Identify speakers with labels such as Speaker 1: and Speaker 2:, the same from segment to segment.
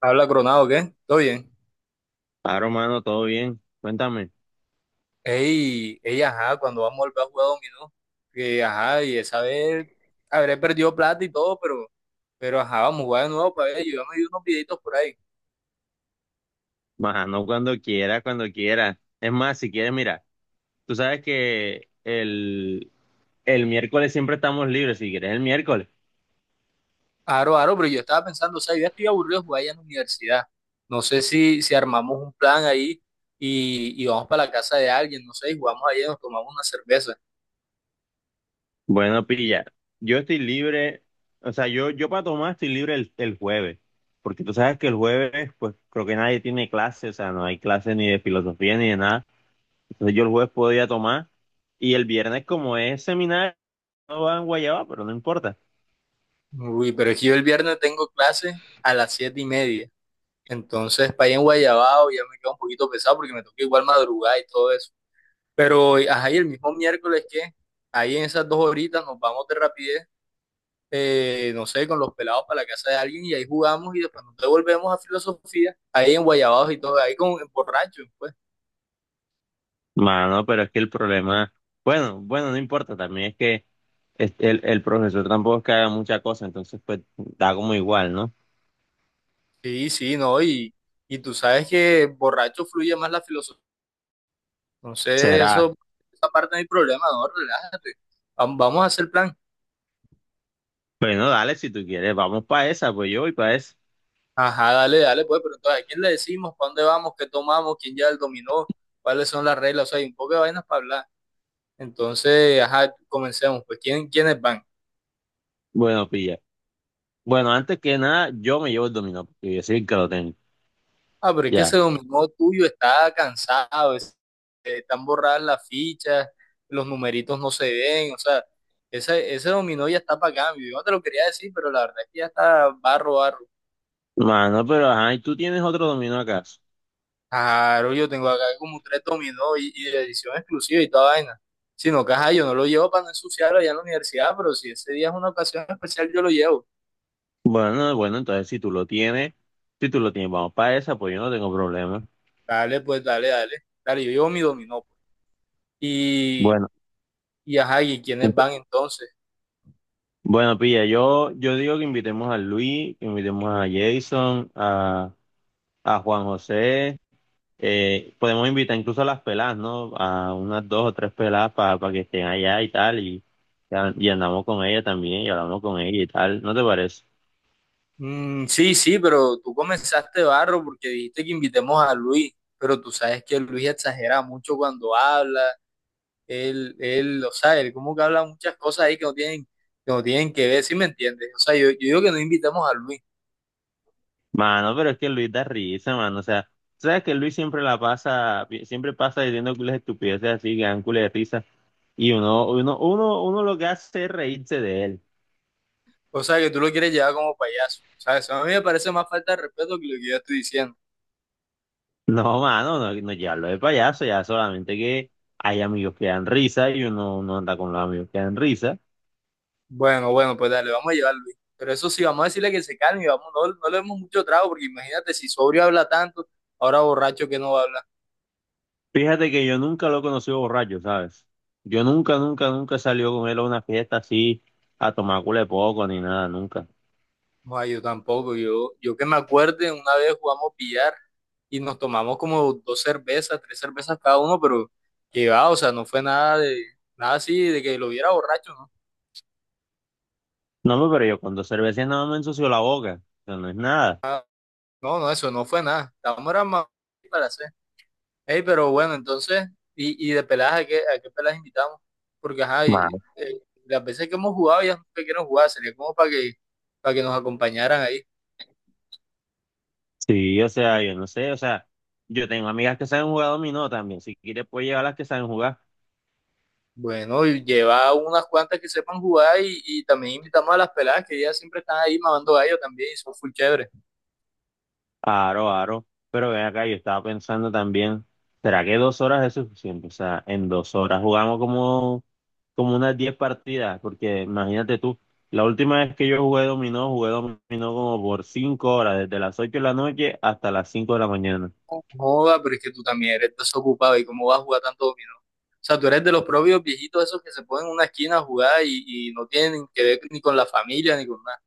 Speaker 1: Habla Coronado, ¿qué? ¿Todo bien?
Speaker 2: Claro, mano, todo bien. Cuéntame.
Speaker 1: Ey, ey, ajá, cuando vamos a volver a jugar dominó, que ajá, y esa vez habré perdido plata y todo, pero ajá, vamos a jugar de nuevo para ver, yo ya me vi unos videitos por ahí.
Speaker 2: Maja, no cuando quiera, cuando quiera. Es más, si quieres, mira, tú sabes que el miércoles siempre estamos libres, si quieres el miércoles.
Speaker 1: Aro, aro, pero yo estaba pensando, o sea, yo ya estoy aburrido de jugar allá en la universidad. No sé si armamos un plan ahí y vamos para la casa de alguien, no sé, y jugamos allá y nos tomamos una cerveza.
Speaker 2: Bueno, pilla, yo estoy libre, o sea, yo para tomar estoy libre el jueves, porque tú sabes que el jueves, pues creo que nadie tiene clase, o sea, no hay clase ni de filosofía ni de nada. Entonces yo el jueves podía tomar y el viernes como es seminario, no va en guayaba, pero no importa.
Speaker 1: Uy, pero es que yo el viernes tengo clase a las 7:30. Entonces, para allá en Guayabao ya me queda un poquito pesado porque me toca igual madrugar y todo eso. Pero, ajá, y el mismo miércoles que ahí en esas dos horitas nos vamos de rapidez, no sé, con los pelados para la casa de alguien y ahí jugamos y después nos devolvemos a filosofía, ahí en Guayabados y todo, ahí con en borracho, pues.
Speaker 2: Mano, pero es que el problema, bueno, bueno, no importa, también es que el profesor tampoco es que haga mucha cosa, entonces pues da como igual, ¿no?
Speaker 1: Sí, sí, no, y tú sabes que borracho fluye más la filosofía. Entonces,
Speaker 2: Será.
Speaker 1: eso, esa parte no hay problema, no, relájate. Vamos a hacer plan.
Speaker 2: Bueno, dale, si tú quieres, vamos para esa, pues yo voy para esa.
Speaker 1: Ajá, dale, dale, pues, pero entonces, ¿a quién le decimos? ¿Para dónde vamos? ¿Qué tomamos? ¿Quién ya el dominó? ¿Cuáles son las reglas? O sea, hay un poco de vainas para hablar. Entonces, ajá, comencemos. Pues, ¿quiénes van?
Speaker 2: Bueno, pilla. Bueno, antes que nada, yo me llevo el dominó, porque yo soy el que lo tengo.
Speaker 1: Ah, pero es que
Speaker 2: Ya.
Speaker 1: ese dominó tuyo está cansado, están borradas las fichas, los numeritos no se ven, o sea, ese dominó ya está para cambio. Yo no te lo quería decir, pero la verdad es que ya está barro, barro.
Speaker 2: Mano, pero ajá, ¿y tú tienes otro dominó acaso?
Speaker 1: Claro, yo tengo acá como tres dominó y de edición exclusiva y toda vaina. Si no, caja, yo no lo llevo para no ensuciarlo allá en la universidad, pero si ese día es una ocasión especial, yo lo llevo.
Speaker 2: Bueno, bueno, entonces si tú lo tienes, si tú lo tienes, vamos para esa, pues yo no tengo problema.
Speaker 1: Dale, pues, dale, dale. Dale, yo llevo mi dominó pues.
Speaker 2: Bueno.
Speaker 1: Y ajá, ¿y quiénes van entonces?
Speaker 2: Bueno, pilla, yo digo que invitemos a Luis, que invitemos a Jason, a Juan José. Podemos invitar incluso a las pelas, ¿no? A unas dos o tres pelas para que estén allá y tal. Y andamos con ella también y hablamos con ella y tal. ¿No te parece?
Speaker 1: Mm, sí, sí, pero tú comenzaste barro porque dijiste que invitemos a Luis, pero tú sabes que Luis exagera mucho cuando habla, él, o sea, él como que habla muchas cosas ahí que no tienen que ver, ¿sí me entiendes? O sea, yo digo que no invitemos a Luis,
Speaker 2: Mano, pero es que Luis da risa, mano. O sea, sabes que Luis siempre la pasa, siempre pasa diciendo cules de estupideces así, que dan cules de risa. Y uno lo que hace es reírse de él.
Speaker 1: o sea, que tú lo quieres llevar como payaso, o sea, eso a mí me parece más falta de respeto que lo que yo estoy diciendo.
Speaker 2: No, mano, no, no llevarlo de payaso, ya solamente que hay amigos que dan risa y uno no anda con los amigos que dan risa.
Speaker 1: Bueno, bueno, pues dale, vamos a llevar a Luis, pero eso sí, vamos a decirle que se calme y vamos, no, no le demos mucho trago porque imagínate si sobrio habla tanto, ahora borracho que no va a hablar.
Speaker 2: Fíjate que yo nunca lo he conocido borracho, ¿sabes? Yo nunca, nunca, nunca salió con él a una fiesta así a tomar culo de poco ni nada, nunca.
Speaker 1: No, yo tampoco. Yo que me acuerde, una vez jugamos billar y nos tomamos como dos cervezas, tres cervezas cada uno, pero que va, o sea, no fue nada de, nada así de que lo viera borracho, ¿no?
Speaker 2: No, hombre, pero yo con dos cervezas nada más me ensució la boca, eso no es nada.
Speaker 1: No, no, eso no fue nada. Estábamos era más para hacer. Ey, pero bueno, entonces, y de peladas, ¿a qué peladas invitamos? Porque ajá,
Speaker 2: Ma-
Speaker 1: y, las veces que hemos jugado ya no sé qué jugar, sería como para que nos acompañaran ahí.
Speaker 2: Sí, o sea, yo no sé, o sea, yo tengo amigas que saben jugar dominó también, si quieres puedes llevar las que saben jugar.
Speaker 1: Bueno, y lleva unas cuantas que sepan jugar y también invitamos a las peladas que ellas siempre están ahí mamando gallo también y son full chéveres.
Speaker 2: Aro, aro. Pero ven acá, yo estaba pensando también, ¿será que 2 horas es suficiente? O sea, en 2 horas jugamos como, como unas 10 partidas, porque imagínate tú, la última vez que yo jugué dominó como por 5 horas, desde las 8 de la noche hasta las 5 de la mañana.
Speaker 1: Joda, pero es que tú también eres desocupado y cómo vas a jugar tanto dominó. O sea, tú eres de los propios viejitos esos que se ponen en una esquina a jugar y no tienen que ver ni con la familia ni con nada.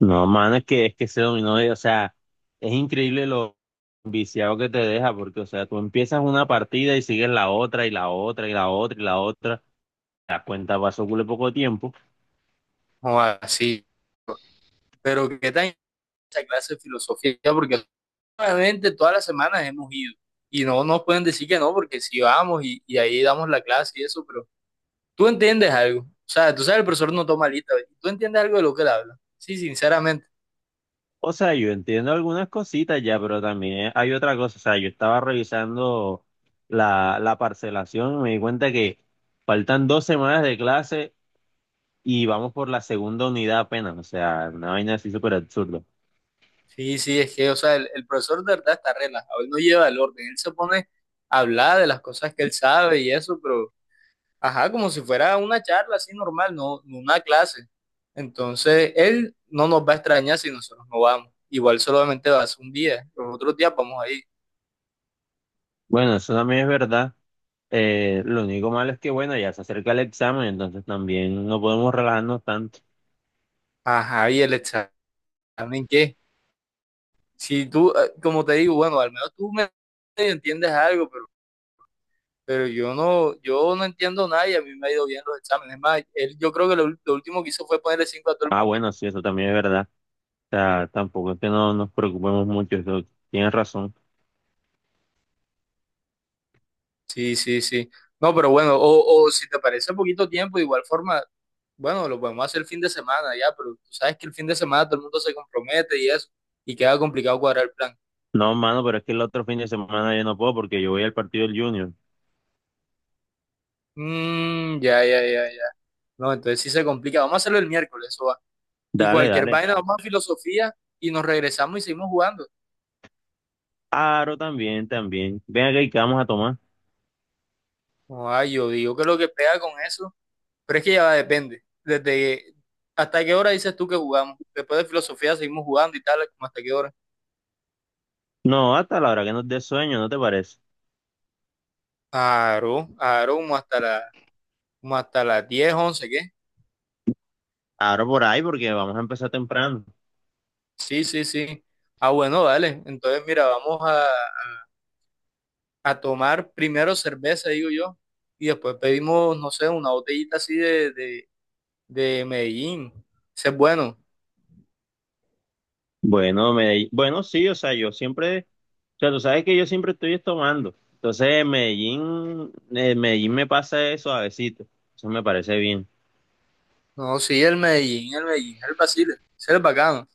Speaker 2: No, mano, es que ese dominó, o sea, es increíble lo viciado que te deja, porque, o sea, tú empiezas una partida y sigues la otra y la otra y la otra y la otra, te das cuenta, pasó cule poco tiempo.
Speaker 1: Joda, sí. Pero qué tan esa clase de filosofía, porque realmente todas las semanas hemos ido y no nos pueden decir que no, porque si vamos y ahí damos la clase y eso, pero tú entiendes algo. O sea, tú sabes, el profesor no toma lista, ¿ve? Tú entiendes algo de lo que él habla. Sí, sinceramente.
Speaker 2: O sea, yo entiendo algunas cositas ya, pero también hay otra cosa. O sea, yo estaba revisando la parcelación y me di cuenta que faltan 2 semanas de clase y vamos por la segunda unidad apenas. O sea, una vaina así súper absurda.
Speaker 1: Sí, sí, es que, o sea, el profesor de verdad está relajado, él no lleva el orden, él se pone a hablar de las cosas que él sabe y eso, pero, ajá, como si fuera una charla así normal, no, no una clase. Entonces, él no nos va a extrañar si nosotros no vamos. Igual solamente va a ser un día, los otros días vamos ahí.
Speaker 2: Bueno, eso también es verdad. Lo único malo es que, bueno, ya se acerca el examen, entonces también no podemos relajarnos tanto.
Speaker 1: Ajá, ¿y el examen qué? Si tú, como te digo, bueno, al menos tú me entiendes algo, pero yo no, yo no entiendo nada y a mí me ha ido bien los exámenes. Es más, él, yo creo que lo último que hizo fue ponerle cinco a todo el
Speaker 2: Ah,
Speaker 1: mundo.
Speaker 2: bueno, sí, eso también es verdad. O sea, tampoco es que no nos preocupemos mucho, eso tienes razón.
Speaker 1: Sí, sí, sí. No, pero bueno, o si te parece poquito tiempo, de igual forma, bueno, lo podemos hacer el fin de semana ya, pero tú sabes que el fin de semana todo el mundo se compromete y eso, y queda complicado cuadrar el plan.
Speaker 2: No, mano, pero es que el otro fin de semana yo no puedo porque yo voy al partido del Junior.
Speaker 1: Mm, ya, ya, ya, ya. No, entonces sí se complica. Vamos a hacerlo el miércoles, eso va. Y
Speaker 2: Dale,
Speaker 1: cualquier
Speaker 2: dale.
Speaker 1: vaina, vamos a filosofía y nos regresamos y seguimos jugando.
Speaker 2: Aro también, también. Ven acá y qué vamos a tomar.
Speaker 1: Ay, yo digo que lo que pega con eso. Pero es que ya va, depende. Desde hasta qué hora dices tú que jugamos. Después de filosofía seguimos jugando y tal, como hasta qué hora.
Speaker 2: No, hasta la hora que nos dé sueño, ¿no te parece?
Speaker 1: Claro, claro, como hasta las 10 11 ¿qué?
Speaker 2: Aro por ahí porque vamos a empezar temprano.
Speaker 1: Sí, sí, sí. Ah, bueno, dale. Entonces, mira, vamos a tomar primero cerveza, digo yo, y después pedimos, no sé, una botellita así de Medellín. Ese es bueno.
Speaker 2: Bueno, Medellín. Bueno, sí, o sea, yo siempre, o sea, tú sabes que yo siempre estoy tomando. Entonces, Medellín, Medellín me pasa eso suavecito. Eso me parece bien.
Speaker 1: No, sí, el Medellín, el Medellín, el Basile, ese es el bacano.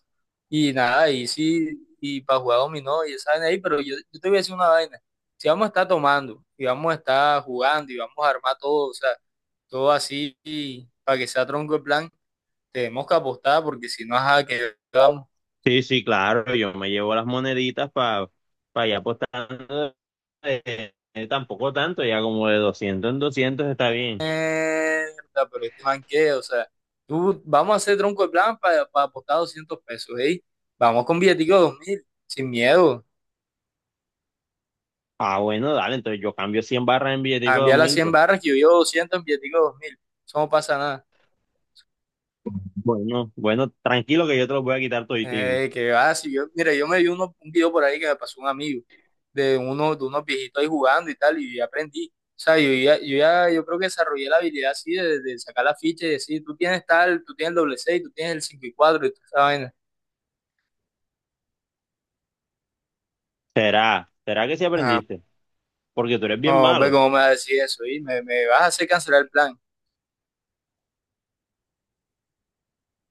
Speaker 1: Y nada, y sí, y para jugar dominó y esa vaina ahí, pero yo te voy a decir una vaina. Si vamos a estar tomando, y vamos a estar jugando, y vamos a armar todo, o sea, todo así, y para que sea tronco el plan, tenemos que apostar, porque si no, ajá, que vamos,
Speaker 2: Sí, sí, claro, yo me llevo las moneditas para allá apostando tampoco tanto, ya como de 200 en 200 está bien.
Speaker 1: mierda, pero este man qué, o sea, tú, vamos a hacer tronco el plan para apostar 200 pesos, ¿eh? Vamos con billetico de 2000 sin miedo,
Speaker 2: Ah, bueno, dale, entonces yo cambio 100 barras en
Speaker 1: a
Speaker 2: billetico de dos
Speaker 1: enviar las
Speaker 2: mil
Speaker 1: 100
Speaker 2: pues
Speaker 1: barras que yo llevo 200 en billetico de 2000, eso no pasa nada.
Speaker 2: bueno, bueno, tranquilo que yo te los voy a quitar toditico.
Speaker 1: Ey, qué va, si yo, mira, yo me vi un video por ahí que me pasó un amigo de uno, de unos viejitos ahí jugando y tal, y aprendí. O sea, yo creo que desarrollé la habilidad así de sacar la ficha y decir, tú tienes tal, tú tienes el doble seis, tú tienes el 5 y 4 y toda esa vaina.
Speaker 2: ¿Será? ¿Será que sí
Speaker 1: Ah,
Speaker 2: aprendiste? Porque tú eres bien
Speaker 1: no, ve
Speaker 2: malo.
Speaker 1: cómo me vas a decir eso, y me vas a hacer cancelar el plan.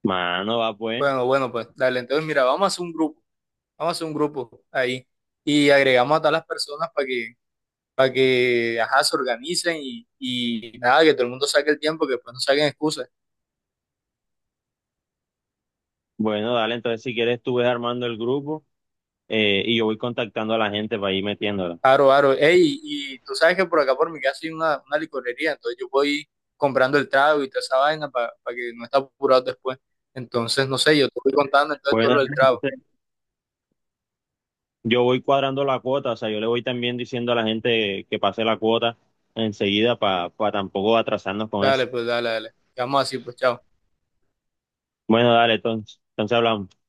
Speaker 2: Mano, va pues.
Speaker 1: Bueno, bueno, pues dale, entonces mira, vamos a hacer un grupo, vamos a hacer un grupo ahí y agregamos a todas las personas para que, ajá, se organicen y nada, que todo el mundo saque el tiempo, que después no saquen excusas.
Speaker 2: Bueno, dale, entonces si quieres tú ves armando el grupo y yo voy contactando a la gente para ir metiéndola.
Speaker 1: Aro, aro. Ey, y tú sabes que por acá por mi casa hay una licorería, entonces yo voy comprando el trago y toda esa vaina para que no esté apurado después. Entonces, no sé, yo te voy contando entonces
Speaker 2: Bueno,
Speaker 1: todo lo del
Speaker 2: dale,
Speaker 1: trago.
Speaker 2: entonces, yo voy cuadrando la cuota, o sea, yo le voy también diciendo a la gente que pase la cuota enseguida para tampoco atrasarnos con
Speaker 1: Dale,
Speaker 2: eso.
Speaker 1: pues, dale, dale. Quedamos así, pues, chao.
Speaker 2: Bueno, dale, entonces, hablamos.